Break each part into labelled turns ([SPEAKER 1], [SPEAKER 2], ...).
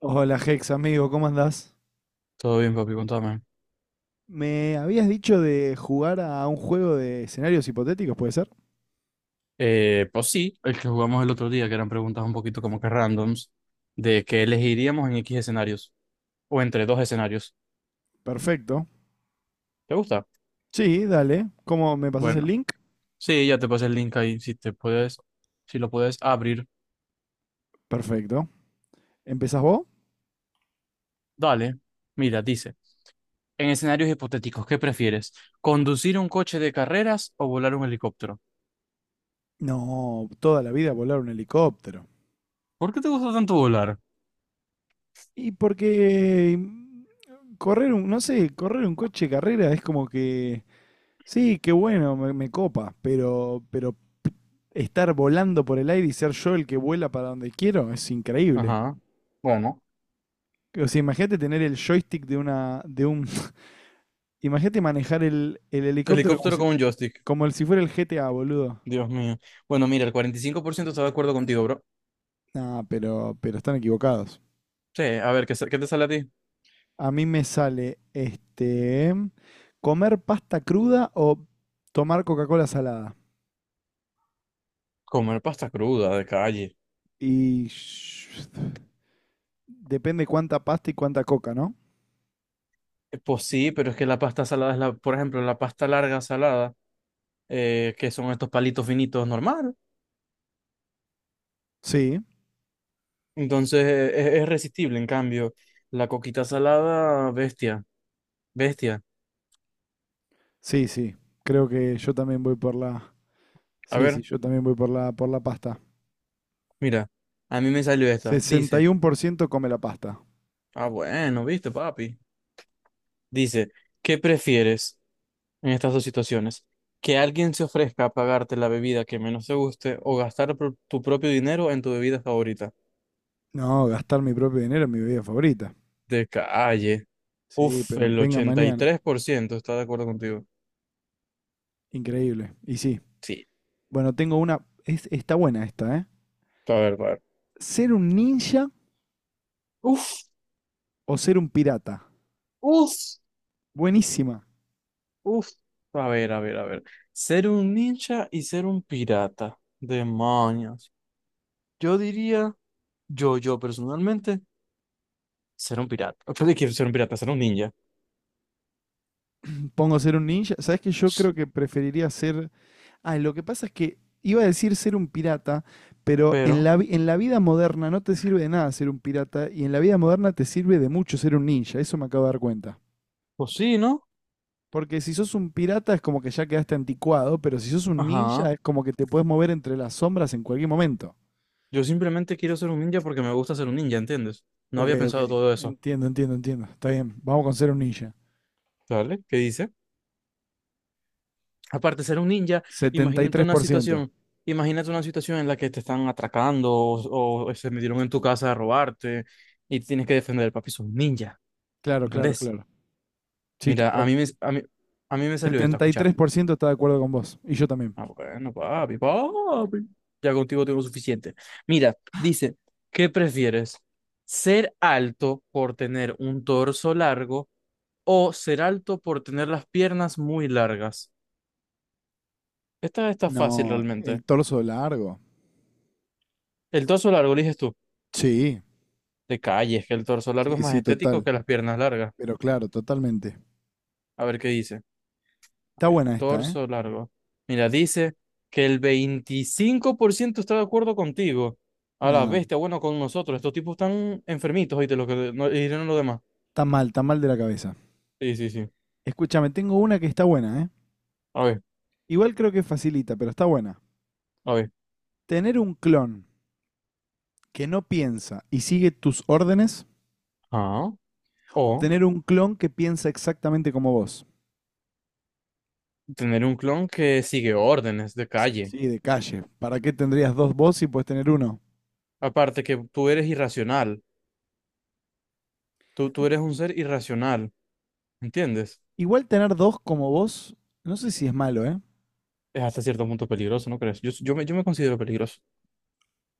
[SPEAKER 1] Hola Hex, amigo, ¿cómo andás?
[SPEAKER 2] Todo bien, papi, contame.
[SPEAKER 1] Me habías dicho de jugar a un juego de escenarios hipotéticos, ¿puede ser?
[SPEAKER 2] Pues sí, el que jugamos el otro día, que eran preguntas un poquito como que randoms, de que elegiríamos en X escenarios, o entre dos escenarios.
[SPEAKER 1] Perfecto.
[SPEAKER 2] ¿Te gusta?
[SPEAKER 1] Sí, dale. ¿Cómo me pasás el
[SPEAKER 2] Bueno,
[SPEAKER 1] link?
[SPEAKER 2] sí, ya te pasé el link ahí, si te puedes, si lo puedes abrir.
[SPEAKER 1] Perfecto. ¿Empezás vos?
[SPEAKER 2] Dale, mira, dice, en escenarios hipotéticos, ¿qué prefieres? ¿Conducir un coche de carreras o volar un helicóptero?
[SPEAKER 1] No, toda la vida volar un helicóptero.
[SPEAKER 2] ¿Por qué te gusta tanto volar?
[SPEAKER 1] Y porque correr un, no sé, correr un coche de carrera es como que, sí, qué bueno, me copa, pero estar volando por el aire y ser yo el que vuela para donde quiero es increíble.
[SPEAKER 2] Ajá, bueno.
[SPEAKER 1] O sea, imagínate tener el joystick de una, de un, imagínate manejar el helicóptero como
[SPEAKER 2] Helicóptero
[SPEAKER 1] si,
[SPEAKER 2] con un joystick.
[SPEAKER 1] como el, si fuera el GTA, boludo.
[SPEAKER 2] Dios mío. Bueno, mira, el 45% está de acuerdo contigo, bro.
[SPEAKER 1] No, pero están equivocados.
[SPEAKER 2] Sí, a ver, qué te sale a ti?
[SPEAKER 1] A mí me sale este comer pasta cruda o tomar Coca-Cola salada.
[SPEAKER 2] Comer pasta cruda de calle.
[SPEAKER 1] Y depende cuánta pasta y cuánta coca, ¿no?
[SPEAKER 2] Pues sí, pero es que la pasta salada es la, por ejemplo, la pasta larga salada, que son estos palitos finitos normal.
[SPEAKER 1] Sí,
[SPEAKER 2] Entonces es resistible, en cambio, la coquita salada, bestia, bestia.
[SPEAKER 1] sí, sí. Creo que yo también voy por la.
[SPEAKER 2] A
[SPEAKER 1] Sí, sí,
[SPEAKER 2] ver,
[SPEAKER 1] yo también voy por la pasta.
[SPEAKER 2] mira, a mí me salió esta.
[SPEAKER 1] Sesenta
[SPEAKER 2] Dice,
[SPEAKER 1] y uno por ciento come la pasta.
[SPEAKER 2] ah, bueno, viste, papi. Dice, ¿qué prefieres en estas dos situaciones? ¿Que alguien se ofrezca a pagarte la bebida que menos te guste o gastar tu propio dinero en tu bebida favorita?
[SPEAKER 1] No, gastar mi propio dinero en mi bebida favorita.
[SPEAKER 2] De calle.
[SPEAKER 1] Sí,
[SPEAKER 2] Uf,
[SPEAKER 1] pero
[SPEAKER 2] el
[SPEAKER 1] venga
[SPEAKER 2] ochenta y
[SPEAKER 1] mañana.
[SPEAKER 2] tres por ciento, está de acuerdo contigo.
[SPEAKER 1] Increíble. Y sí.
[SPEAKER 2] Sí,
[SPEAKER 1] Bueno, tengo una. Está buena esta, ¿eh?
[SPEAKER 2] a ver, a ver.
[SPEAKER 1] ¿Ser un ninja
[SPEAKER 2] Uf,
[SPEAKER 1] o ser un pirata?
[SPEAKER 2] uf,
[SPEAKER 1] Buenísima.
[SPEAKER 2] uf. A ver, a ver, a ver. Ser un ninja y ser un pirata. Demonios. Yo diría, yo personalmente, ser un pirata. ¿Qué le quiero ser un pirata? Ser un ninja.
[SPEAKER 1] Pongo ser un ninja. ¿Sabes que yo
[SPEAKER 2] Ps,
[SPEAKER 1] creo que preferiría ser? Ah, lo que pasa es que iba a decir ser un pirata, pero en
[SPEAKER 2] Pero,
[SPEAKER 1] en la vida moderna no te sirve de nada ser un pirata y en la vida moderna te sirve de mucho ser un ninja. Eso me acabo de dar cuenta.
[SPEAKER 2] pues sí, ¿no?
[SPEAKER 1] Porque si sos un pirata es como que ya quedaste anticuado, pero si sos un ninja
[SPEAKER 2] Ajá.
[SPEAKER 1] es como que te puedes mover entre las sombras en cualquier momento.
[SPEAKER 2] Yo simplemente quiero ser un ninja porque me gusta ser un ninja, ¿entiendes? No
[SPEAKER 1] Ok,
[SPEAKER 2] había
[SPEAKER 1] ok.
[SPEAKER 2] pensado todo eso.
[SPEAKER 1] Entiendo, entiendo, entiendo. Está bien. Vamos con ser un ninja.
[SPEAKER 2] ¿Sale? ¿Qué dice? Aparte de ser un ninja,
[SPEAKER 1] setenta y
[SPEAKER 2] imagínate
[SPEAKER 1] tres
[SPEAKER 2] una
[SPEAKER 1] por ciento,
[SPEAKER 2] situación, imagínate una situación en la que te están atracando o se metieron en tu casa a robarte y tienes que defender, papi, sos un ninja,
[SPEAKER 1] Claro, claro,
[SPEAKER 2] ¿entendés?
[SPEAKER 1] claro. Sí,
[SPEAKER 2] Mira,
[SPEAKER 1] total.
[SPEAKER 2] a mí me salió esta,
[SPEAKER 1] Setenta y
[SPEAKER 2] escuchar.
[SPEAKER 1] tres por ciento está de acuerdo con vos. Y yo también.
[SPEAKER 2] Ah, bueno, papi, papi, ya contigo tengo suficiente. Mira, dice, ¿qué prefieres? ¿Ser alto por tener un torso largo o ser alto por tener las piernas muy largas? Esta está fácil
[SPEAKER 1] No,
[SPEAKER 2] realmente.
[SPEAKER 1] el torso largo.
[SPEAKER 2] El torso largo, eliges tú.
[SPEAKER 1] Sí,
[SPEAKER 2] De calle, es que el torso largo es
[SPEAKER 1] sí,
[SPEAKER 2] más
[SPEAKER 1] sí,
[SPEAKER 2] estético
[SPEAKER 1] total.
[SPEAKER 2] que las piernas largas.
[SPEAKER 1] Pero claro, totalmente.
[SPEAKER 2] A ver qué dice. A
[SPEAKER 1] Está
[SPEAKER 2] ver,
[SPEAKER 1] buena esta, ¿eh?
[SPEAKER 2] torso largo. Mira, dice que el 25% está de acuerdo contigo. A la
[SPEAKER 1] Nada,
[SPEAKER 2] bestia, bueno, con nosotros. Estos tipos están enfermitos, oíste, lo que no, y no lo demás.
[SPEAKER 1] está mal de la cabeza.
[SPEAKER 2] Sí, sí, sí.
[SPEAKER 1] Escúchame, tengo una que está buena, ¿eh?
[SPEAKER 2] A ver,
[SPEAKER 1] Igual creo que facilita, pero está buena.
[SPEAKER 2] a ver.
[SPEAKER 1] Tener un clon que no piensa y sigue tus órdenes,
[SPEAKER 2] Ah,
[SPEAKER 1] o
[SPEAKER 2] o
[SPEAKER 1] tener un clon que piensa exactamente como vos.
[SPEAKER 2] tener un clon que sigue órdenes de calle.
[SPEAKER 1] Sí, de calle. ¿Para qué tendrías dos vos si puedes tener uno?
[SPEAKER 2] Aparte que tú eres irracional. Tú eres un ser irracional, ¿entiendes?
[SPEAKER 1] Igual tener dos como vos, no sé si es malo, ¿eh?
[SPEAKER 2] Es hasta cierto punto peligroso, ¿no crees? Yo me considero peligroso.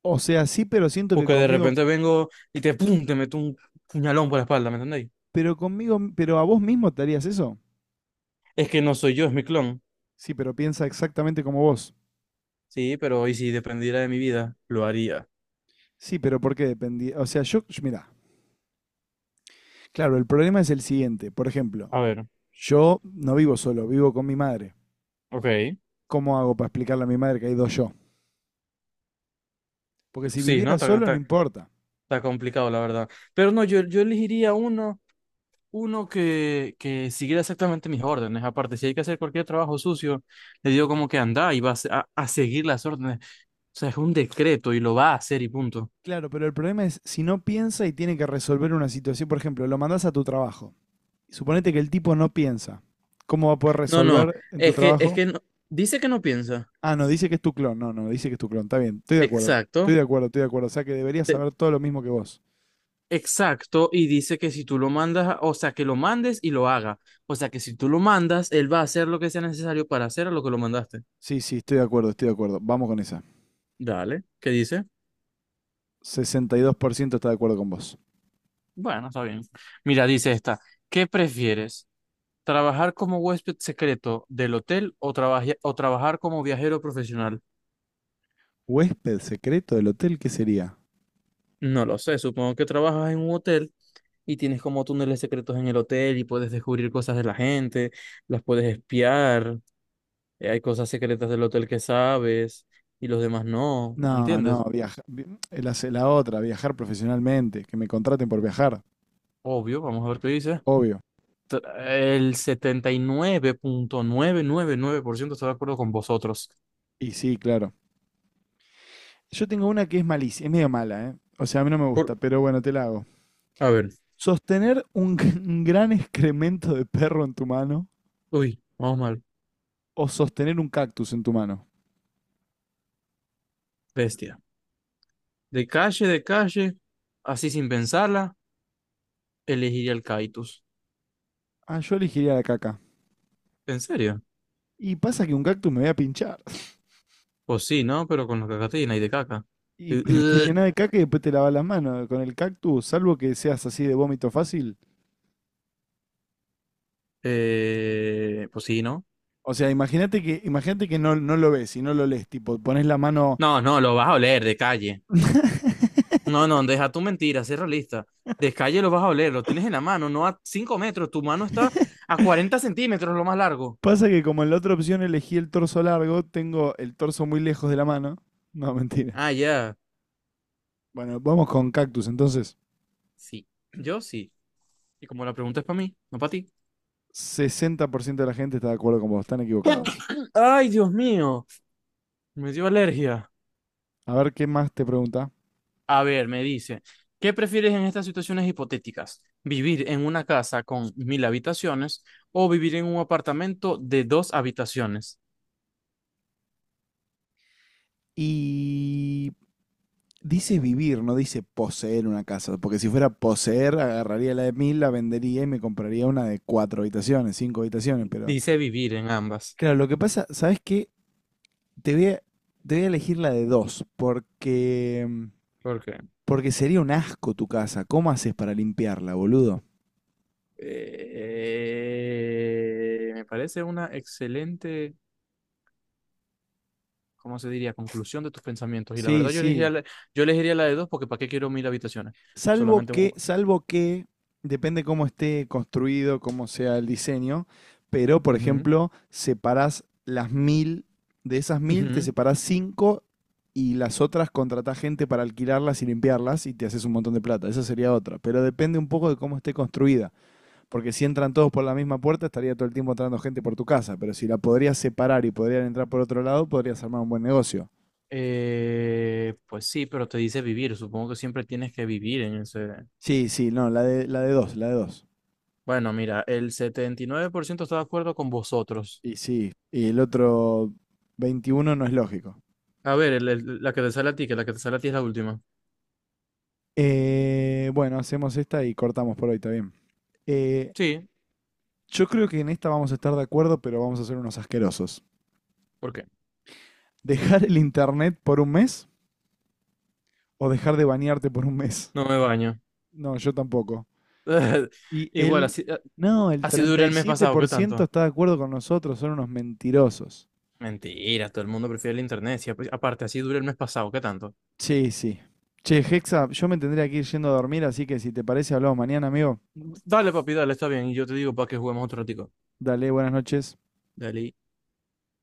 [SPEAKER 1] O sea, sí, pero siento que
[SPEAKER 2] Porque de
[SPEAKER 1] conmigo,
[SPEAKER 2] repente vengo y te, pum, te meto un puñalón por la espalda, ¿me entendéis?
[SPEAKER 1] pero a vos mismo te harías eso.
[SPEAKER 2] Es que no soy yo, es mi clon.
[SPEAKER 1] Sí, pero piensa exactamente como vos.
[SPEAKER 2] Sí, pero y si dependiera de mi vida, lo haría.
[SPEAKER 1] Sí, pero ¿por qué dependía? O sea, yo, mira, claro, el problema es el siguiente. Por ejemplo,
[SPEAKER 2] A ver,
[SPEAKER 1] yo no vivo solo, vivo con mi madre.
[SPEAKER 2] ok.
[SPEAKER 1] ¿Cómo hago para explicarle a mi madre que hay dos yo? Porque si
[SPEAKER 2] Sí, ¿no?
[SPEAKER 1] viviera solo, no importa.
[SPEAKER 2] Está complicado, la verdad. Pero no, yo elegiría uno, que siguiera exactamente mis órdenes. Aparte, si hay que hacer cualquier trabajo sucio, le digo como que anda y va a, se- a seguir las órdenes. O sea, es un decreto y lo va a hacer y punto.
[SPEAKER 1] Claro, pero el problema es si no piensa y tiene que resolver una situación. Por ejemplo, lo mandás a tu trabajo. Suponete que el tipo no piensa. ¿Cómo va a poder
[SPEAKER 2] No, no,
[SPEAKER 1] resolver en tu
[SPEAKER 2] es
[SPEAKER 1] trabajo?
[SPEAKER 2] que dice que no piensa.
[SPEAKER 1] Ah, no, dice que es tu clon. No, no, dice que es tu clon. Está bien, estoy de acuerdo. Estoy
[SPEAKER 2] Exacto.
[SPEAKER 1] de acuerdo, estoy de acuerdo. O sea que deberías saber todo lo mismo que vos.
[SPEAKER 2] Exacto, y dice que si tú lo mandas, o sea, que lo mandes y lo haga. O sea, que si tú lo mandas, él va a hacer lo que sea necesario para hacer a lo que lo mandaste.
[SPEAKER 1] Sí, sí, estoy de acuerdo, estoy de acuerdo. Vamos con esa.
[SPEAKER 2] Dale, ¿qué dice?
[SPEAKER 1] 62% está de acuerdo con vos.
[SPEAKER 2] Bueno, está bien. Mira, dice esta, ¿qué prefieres? ¿Trabajar como huésped secreto del hotel o, o trabajar como viajero profesional?
[SPEAKER 1] ¿Huésped secreto del hotel qué sería?
[SPEAKER 2] No lo sé, supongo que trabajas en un hotel y tienes como túneles secretos en el hotel y puedes descubrir cosas de la gente, las puedes espiar, hay cosas secretas del hotel que sabes y los demás no,
[SPEAKER 1] No, no,
[SPEAKER 2] ¿entiendes?
[SPEAKER 1] viaja, vi- la, se- la otra, viajar profesionalmente, que me contraten por viajar,
[SPEAKER 2] Obvio, vamos a ver qué dice.
[SPEAKER 1] obvio.
[SPEAKER 2] El 79.999% está de acuerdo con vosotros.
[SPEAKER 1] Y sí, claro. Yo tengo una que es malísima, es medio mala, ¿eh? O sea, a mí no me
[SPEAKER 2] Por,
[SPEAKER 1] gusta, pero bueno, te la hago.
[SPEAKER 2] a ver,
[SPEAKER 1] ¿Sostener un, un gran excremento de perro en tu mano
[SPEAKER 2] uy, vamos mal,
[SPEAKER 1] o sostener un cactus en tu mano?
[SPEAKER 2] bestia. De calle, así sin pensarla, elegiría el Kaitus.
[SPEAKER 1] Ah, yo elegiría la caca.
[SPEAKER 2] ¿En serio?
[SPEAKER 1] Y pasa que un cactus me voy a pinchar.
[SPEAKER 2] Pues sí, ¿no? Pero con la cacatina y de caca.
[SPEAKER 1] Y
[SPEAKER 2] Eh,
[SPEAKER 1] pero te
[SPEAKER 2] eh,
[SPEAKER 1] llenas de caca y después te lavas las manos con el cactus, salvo que seas así de vómito fácil.
[SPEAKER 2] pues sí, ¿no?
[SPEAKER 1] O sea, imagínate que no, no lo ves y no lo lees, tipo, pones la mano.
[SPEAKER 2] No, no, lo vas a oler de calle. No, no, deja tu mentira, sé realista. De calle lo vas a oler, lo tienes en la mano, no a 5 metros, tu mano está a 40 centímetros, lo más largo.
[SPEAKER 1] Pasa que como en la otra opción elegí el torso largo, tengo el torso muy lejos de la mano. No, mentira.
[SPEAKER 2] Ah, ya.
[SPEAKER 1] Bueno, vamos con cactus, entonces.
[SPEAKER 2] Sí, yo sí. Y como la pregunta es para mí, no para ti.
[SPEAKER 1] 60% de la gente está de acuerdo con vos, están equivocados.
[SPEAKER 2] Ay, Dios mío, me dio alergia.
[SPEAKER 1] A ver qué más te pregunta.
[SPEAKER 2] A ver, me dice, ¿qué prefieres en estas situaciones hipotéticas? ¿Vivir en una casa con 1000 habitaciones o vivir en un apartamento de dos habitaciones?
[SPEAKER 1] Y dice vivir, no dice poseer una casa, porque si fuera poseer, agarraría la de 1.000, la vendería y me compraría una de cuatro habitaciones, cinco habitaciones, pero
[SPEAKER 2] Dice vivir en ambas.
[SPEAKER 1] claro, lo que pasa, ¿sabes qué? Te voy a, te voy a elegir la de dos, porque,
[SPEAKER 2] ¿Por qué?
[SPEAKER 1] porque sería un asco tu casa. ¿Cómo haces para limpiarla, boludo?
[SPEAKER 2] Me parece una excelente, ¿cómo se diría? Conclusión de tus pensamientos. Y la
[SPEAKER 1] Sí,
[SPEAKER 2] verdad,
[SPEAKER 1] sí.
[SPEAKER 2] yo elegiría la de dos porque ¿para qué quiero 1000 habitaciones?
[SPEAKER 1] Salvo
[SPEAKER 2] Solamente...
[SPEAKER 1] que, salvo que, depende cómo esté construido, cómo sea el diseño, pero por ejemplo, separás las 1.000, de esas
[SPEAKER 2] Ujú,
[SPEAKER 1] 1.000 te
[SPEAKER 2] ujú.
[SPEAKER 1] separás cinco y las otras contratás gente para alquilarlas y limpiarlas y te haces un montón de plata. Esa sería otra. Pero depende un poco de cómo esté construida. Porque si entran todos por la misma puerta, estaría todo el tiempo entrando gente por tu casa. Pero si la podrías separar y podrían entrar por otro lado, podrías armar un buen negocio.
[SPEAKER 2] Pues sí, pero te dice vivir. Supongo que siempre tienes que vivir en ese...
[SPEAKER 1] Sí, sí, no, la de dos, la de dos.
[SPEAKER 2] Bueno, mira, el 79% está de acuerdo con vosotros.
[SPEAKER 1] Y sí, y el otro 21 no es lógico.
[SPEAKER 2] A ver, la que te sale a ti, que la que te sale a ti es la última.
[SPEAKER 1] Bueno, hacemos esta y cortamos por hoy, está bien. Eh,
[SPEAKER 2] Sí,
[SPEAKER 1] yo creo que en esta vamos a estar de acuerdo, pero vamos a ser unos asquerosos.
[SPEAKER 2] ¿por qué?
[SPEAKER 1] ¿Dejar el internet por un mes o dejar de bañarte por un mes?
[SPEAKER 2] No me baño.
[SPEAKER 1] No, yo tampoco. Y
[SPEAKER 2] Igual,
[SPEAKER 1] él,
[SPEAKER 2] así,
[SPEAKER 1] no, el
[SPEAKER 2] así duré el mes pasado, ¿qué
[SPEAKER 1] 37%
[SPEAKER 2] tanto?
[SPEAKER 1] está de acuerdo con nosotros, son unos mentirosos.
[SPEAKER 2] Mentira, todo el mundo prefiere el internet. Sí, pues, aparte, así dura el mes pasado, ¿qué tanto?
[SPEAKER 1] Sí, sí. Che, Hexa, yo me tendría que ir yendo a dormir, así que si te parece, hablamos mañana, amigo.
[SPEAKER 2] Dale, papi, dale, está bien. Y yo te digo para que juguemos otro ratico.
[SPEAKER 1] Dale, buenas noches.
[SPEAKER 2] Dale.